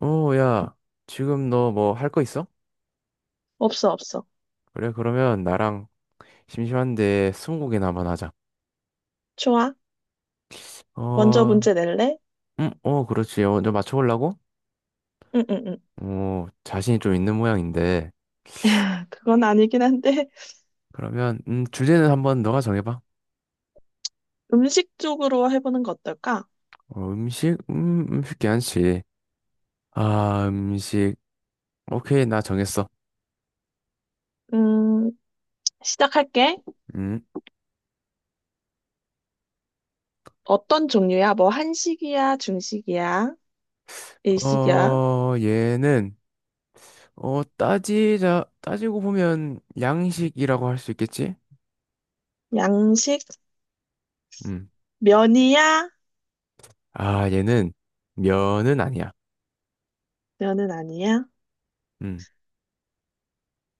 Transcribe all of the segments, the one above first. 야, 지금 너 뭐 할 거 있어? 없어, 없어. 그래, 그러면 나랑 심심한데 스무고개나 한번 하자. 좋아. 먼저 어, 문제 낼래? 그렇지. 먼저 맞춰보려고? 응, 응, 응. 자신이 좀 있는 모양인데. 그건 아니긴 한데, 그러면, 주제는 한번 너가 정해봐. 음식 쪽으로 해보는 거 어떨까? 음식? 음식 괜찮지. 아, 음식. 오케이, 나 정했어. 음, 시작할게. 음, 어떤 종류야? 뭐, 한식이야? 중식이야? 일식이야? 얘는, 따지고 보면 양식이라고 할 수 있겠지? 양식? 음, 면이야? 아, 얘는 면은 아니야. 면은 아니야? 음.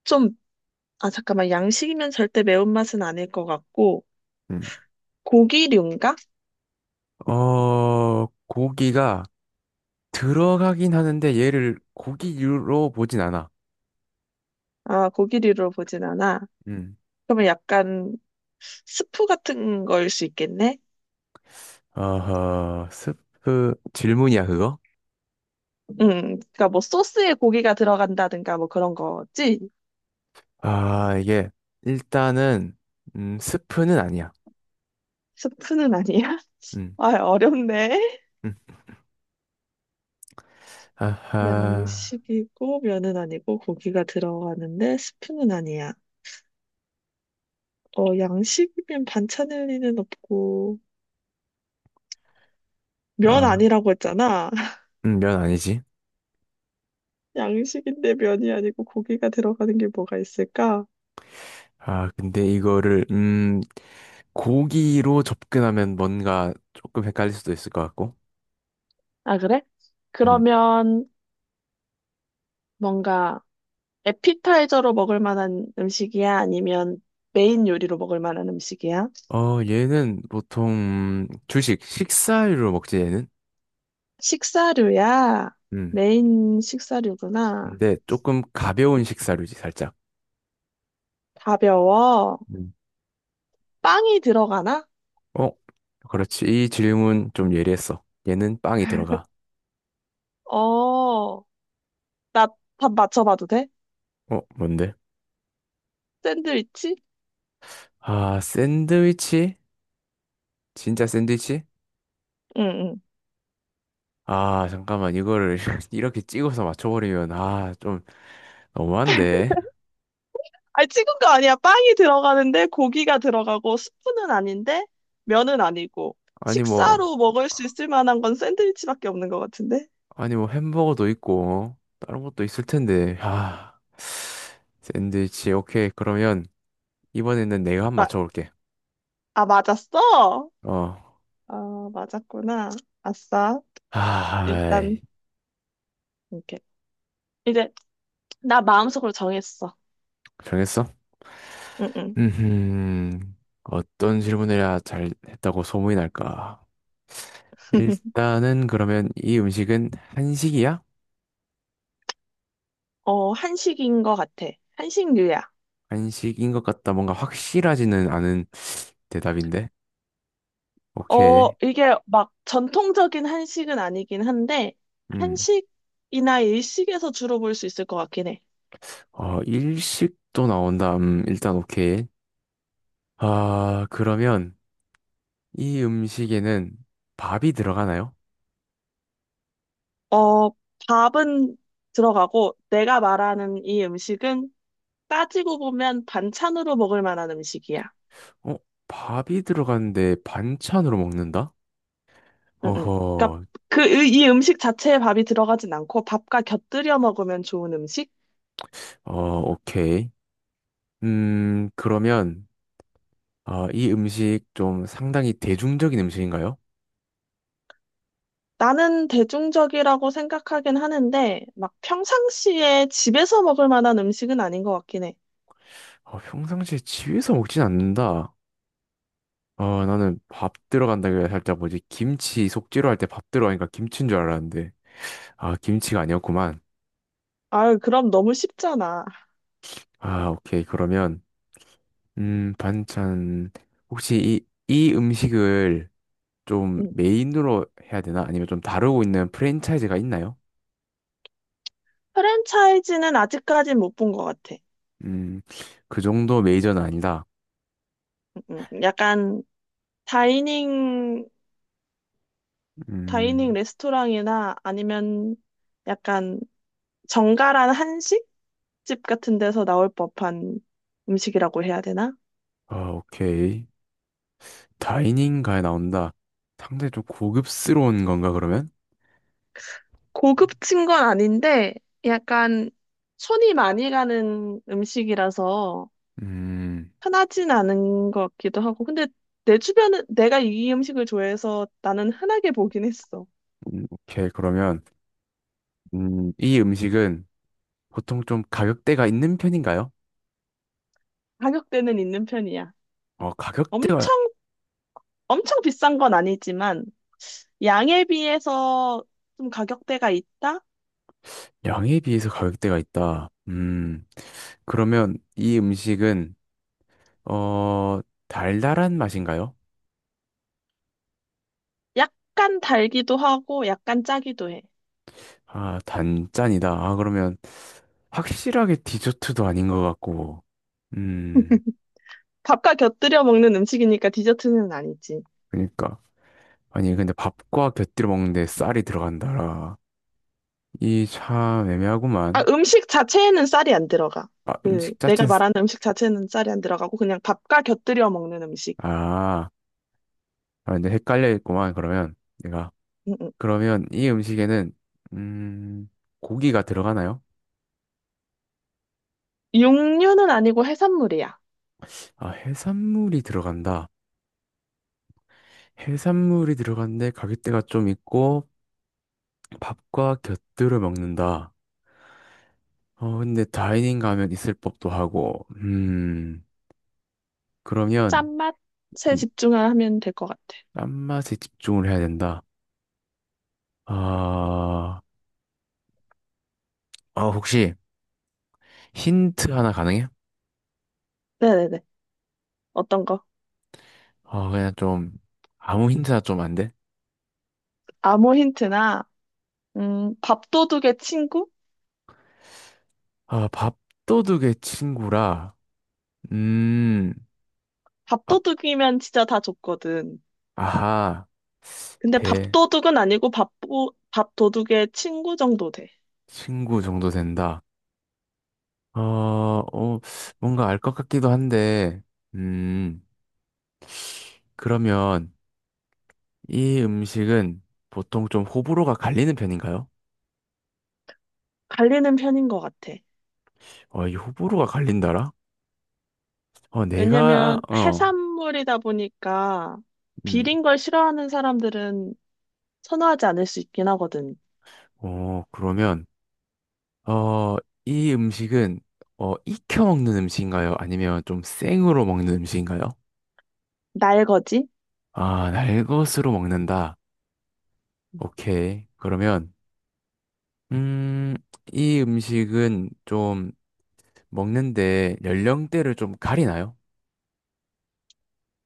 좀, 아, 잠깐만. 양식이면 절대 매운맛은 아닐 것 같고, 음. 고기류인가? 고기가 들어가긴 하는데 얘를 고기류로 보진 않아. 아, 고기류로 보진 않아. 음. 그러면 약간 스프 같은 걸 수 있겠네? 어허, 스프, 질문이야, 그거? 그러니까 뭐 소스에 고기가 들어간다든가 뭐 그런 거지? 아, 이게, 일단은, 스프는 아니야. 스프는 아니야? 음, 아, 어렵네. 음. 아하, 양식이고 면은 아니고 고기가 들어가는데 스프는 아니야. 어, 양식이면 반찬 일리는 없고 면 아, 아니라고 했잖아. 면 아니지. 양식인데 면이 아니고 고기가 들어가는 게 뭐가 있을까? 아, 근데 이거를, 고기로 접근하면 뭔가 조금 헷갈릴 수도 있을 것 같고. 아, 그래? 음. 그러면 뭔가 에피타이저로 먹을 만한 음식이야? 아니면 메인 요리로 먹을 만한 음식이야? 얘는 보통, 주식, 식사류로 먹지, 얘는? 식사류야. 메인 식사류구나. 근데 조금 가벼운 식사류지, 살짝. 가벼워. 음. 빵이 들어가나? 어? 그렇지. 이 질문 좀 예리했어. 얘는 빵이 들어가. 어, 나 답 맞춰봐도 돼? 어? 뭔데? 샌드위치? 아, 샌드위치? 진짜 샌드위치? 응, 응. 아, 잠깐만. 이거를 이렇게 찍어서 맞춰버리면, 아, 좀 너무한데? 아니, 찍은 거 아니야. 빵이 들어가는데 고기가 들어가고 스프는 아닌데 면은 아니고 아니, 뭐, 식사로 먹을 수 있을 만한 건 샌드위치밖에 없는 것 같은데? 아니, 뭐, 햄버거도 있고, 다른 것도 있을 텐데. 아, 샌드위치. 오케이. 그러면 이번에는 내가 한번 마, 맞춰볼게. 아, 맞았어? 어. 아, 맞았구나. 아싸. 아, 일단, 아이, 이렇게. 이제 나 마음속으로 정했어. 정했어? 응, 응. 음, 어떤 질문을 해야 잘 했다고 소문이 날까? 일단은 그러면 이 음식은 한식이야? 어, 한식인 것 같아. 한식류야. 한식인 것 같다. 뭔가 확실하지는 않은 대답인데. 어, 오케이. 이게 막 전통적인 한식은 아니긴 한데, 음, 한식이나 일식에서 주로 볼 수 있을 것 같긴 해. 일식도 나온다. 일단 오케이. 아, 그러면 이 음식에는 밥이 들어가나요? 어, 밥은 들어가고, 내가 말하는 이 음식은 따지고 보면 반찬으로 먹을 만한 음식이야. 어, 밥이 들어가는데 반찬으로 먹는다? 응, 응. 그러니까 어허, 그, 이 음식 자체에 밥이 들어가진 않고, 밥과 곁들여 먹으면 좋은 음식? 오케이. 그러면 아, 이 음식 좀 상당히 대중적인 음식인가요? 나는 대중적이라고 생각하긴 하는데, 막 평상시에 집에서 먹을 만한 음식은 아닌 것 같긴 해. 아, 평상시에 집에서 먹진 않는다. 아, 나는 밥 들어간다길래 살짝 뭐지? 김치 속재료 할 때 밥 들어가니까 김치인 줄 알았는데. 아, 김치가 아니었구만. 아유, 그럼 너무 쉽잖아. 아, 오케이. 그러면, 반찬. 혹시 이 음식을 좀 음. 메인으로 해야 되나? 아니면 좀 다루고 있는 프랜차이즈가 있나요? 프랜차이즈는 아직까진 못 본 것 같아. 음, 그 정도 메이저는 아니다. 약간 다이닝, 다이닝 음, 레스토랑이나 아니면 약간 정갈한 한식집 같은 데서 나올 법한 음식이라고 해야 되나? 아, 오케이. 다이닝가에 나온다. 상당히 좀 고급스러운 건가, 그러면? 고급진 건 아닌데, 약간 손이 많이 가는 음식이라서, 음, 흔하진 않은 것 같기도 하고. 근데 내 주변은 내가 이 음식을 좋아해서 나는 흔하게 보긴 했어. 오케이, 그러면, 이 음식은 보통 좀 가격대가 있는 편인가요? 가격대는 있는 편이야. 가격대가, 엄청, 엄청 비싼 건 아니지만, 양에 비해서 좀 가격대가 있다? 양에 비해서 가격대가 있다. 그러면 이 음식은, 어, 달달한 맛인가요? 약간 달기도 하고, 약간 짜기도 해. 아, 단짠이다. 아, 그러면 확실하게 디저트도 아닌 것 같고, 음, 밥과 곁들여 먹는 음식이니까 디저트는 아니지. 그러니까. 아니, 근데 밥과 곁들여 먹는데 쌀이 들어간다라. 이 참 아, 애매하구만. 음식 자체에는 쌀이 안 들어가. 아, 그, 음식 내가 자체는, 말하는 음식 자체는 쌀이 안 들어가고, 그냥 밥과 곁들여 먹는 음식. 아, 아, 근데 헷갈려 있구만, 그러면. 내가. 음, 음. 그러면 이 음식에는, 음, 고기가 들어가나요? 육류는 아니고 해산물이야. 아, 해산물이 들어간다. 해산물이 들어간데 가격대가 좀 있고, 밥과 곁들여 먹는다. 근데 다이닝 가면 있을 법도 하고, 그러면, 짠맛에 음, 집중하면 될 것 같아. 딴맛에 집중을 해야 된다. 아, 아, 혹시 힌트 하나 가능해? 네네네. 어떤 거? 아, 그냥 좀, 아무 힌트나 좀 안 돼? 아무 힌트나, 밥도둑의 친구? 아, 밥도둑의 친구라, 음, 아, 밥도둑이면 진짜 다 줬거든. 아하, 근데 대, 밥도둑은 아니고 밥도둑의 친구 정도 돼. 친구 정도 된다. 어, 어, 뭔가 알 것 같기도 한데, 음, 그러면 이 음식은 보통 좀 호불호가 갈리는 편인가요? 갈리는 편인 것 같아. 이 호불호가 갈린다라? 내가, 왜냐면 해산물이다 보니까 음, 비린 걸 싫어하는 사람들은 선호하지 않을 수 있긴 하거든. 그러면, 어, 이 음식은 익혀 먹는 음식인가요? 아니면 좀 생으로 먹는 음식인가요? 날거지? 아, 날것으로 먹는다. 오케이. 그러면 음, 이 음식은 좀 먹는데 연령대를 좀 가리나요?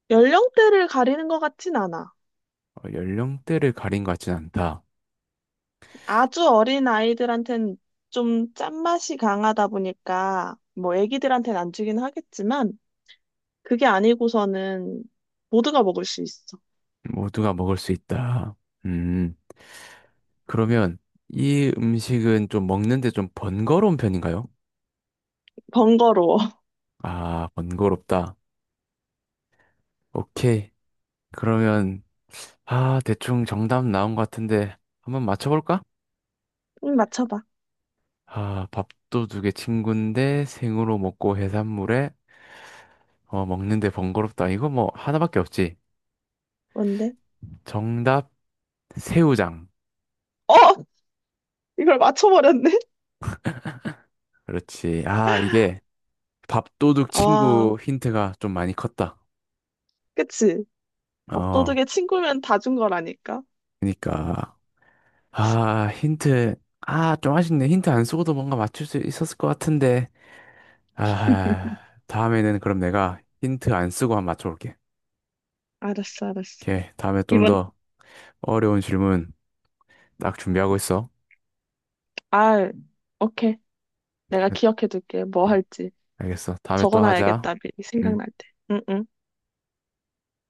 연령대를 가리는 것 같진 않아. 연령대를 가린 것 같진 않다. 아주 어린 아이들한텐 좀 짠맛이 강하다 보니까 뭐 애기들한텐 안 주긴 하겠지만 그게 아니고서는 모두가 먹을 수 있어. 모두가 먹을 수 있다. 음, 그러면 이 음식은 좀 먹는데 좀 번거로운 편인가요? 번거로워. 아, 번거롭다. 오케이. 그러면 아, 대충 정답 나온 것 같은데 한번 맞춰볼까? 맞춰봐. 아, 밥도둑의 친구인데 생으로 먹고 해산물에 먹는데 번거롭다. 이거 뭐 하나밖에 없지. 뭔데? 정답 새우장. 어! 이걸 맞춰버렸네? 그렇지. 아, 이게 밥도둑 아, 친구 힌트가 좀 많이 컸다. 그치. 어, 밥도둑의 친구면 다 준 거라니까. 그러니까 아, 힌트 아, 좀 아쉽네. 힌트 안 쓰고도 뭔가 맞출 수 있었을 것 같은데. 아, 다음에는 그럼 내가 힌트 안 쓰고 한번 맞춰볼게. 알았어, 알았어. 오케이. 다음에 이번, 좀더 어려운 질문 딱 준비하고 있어. 아, 오케이. 내가 기억해둘게. 뭐 할지. 알겠어. 다음에 또 하자. 적어놔야겠다, 미리 응. 생각날 때. 응, 응.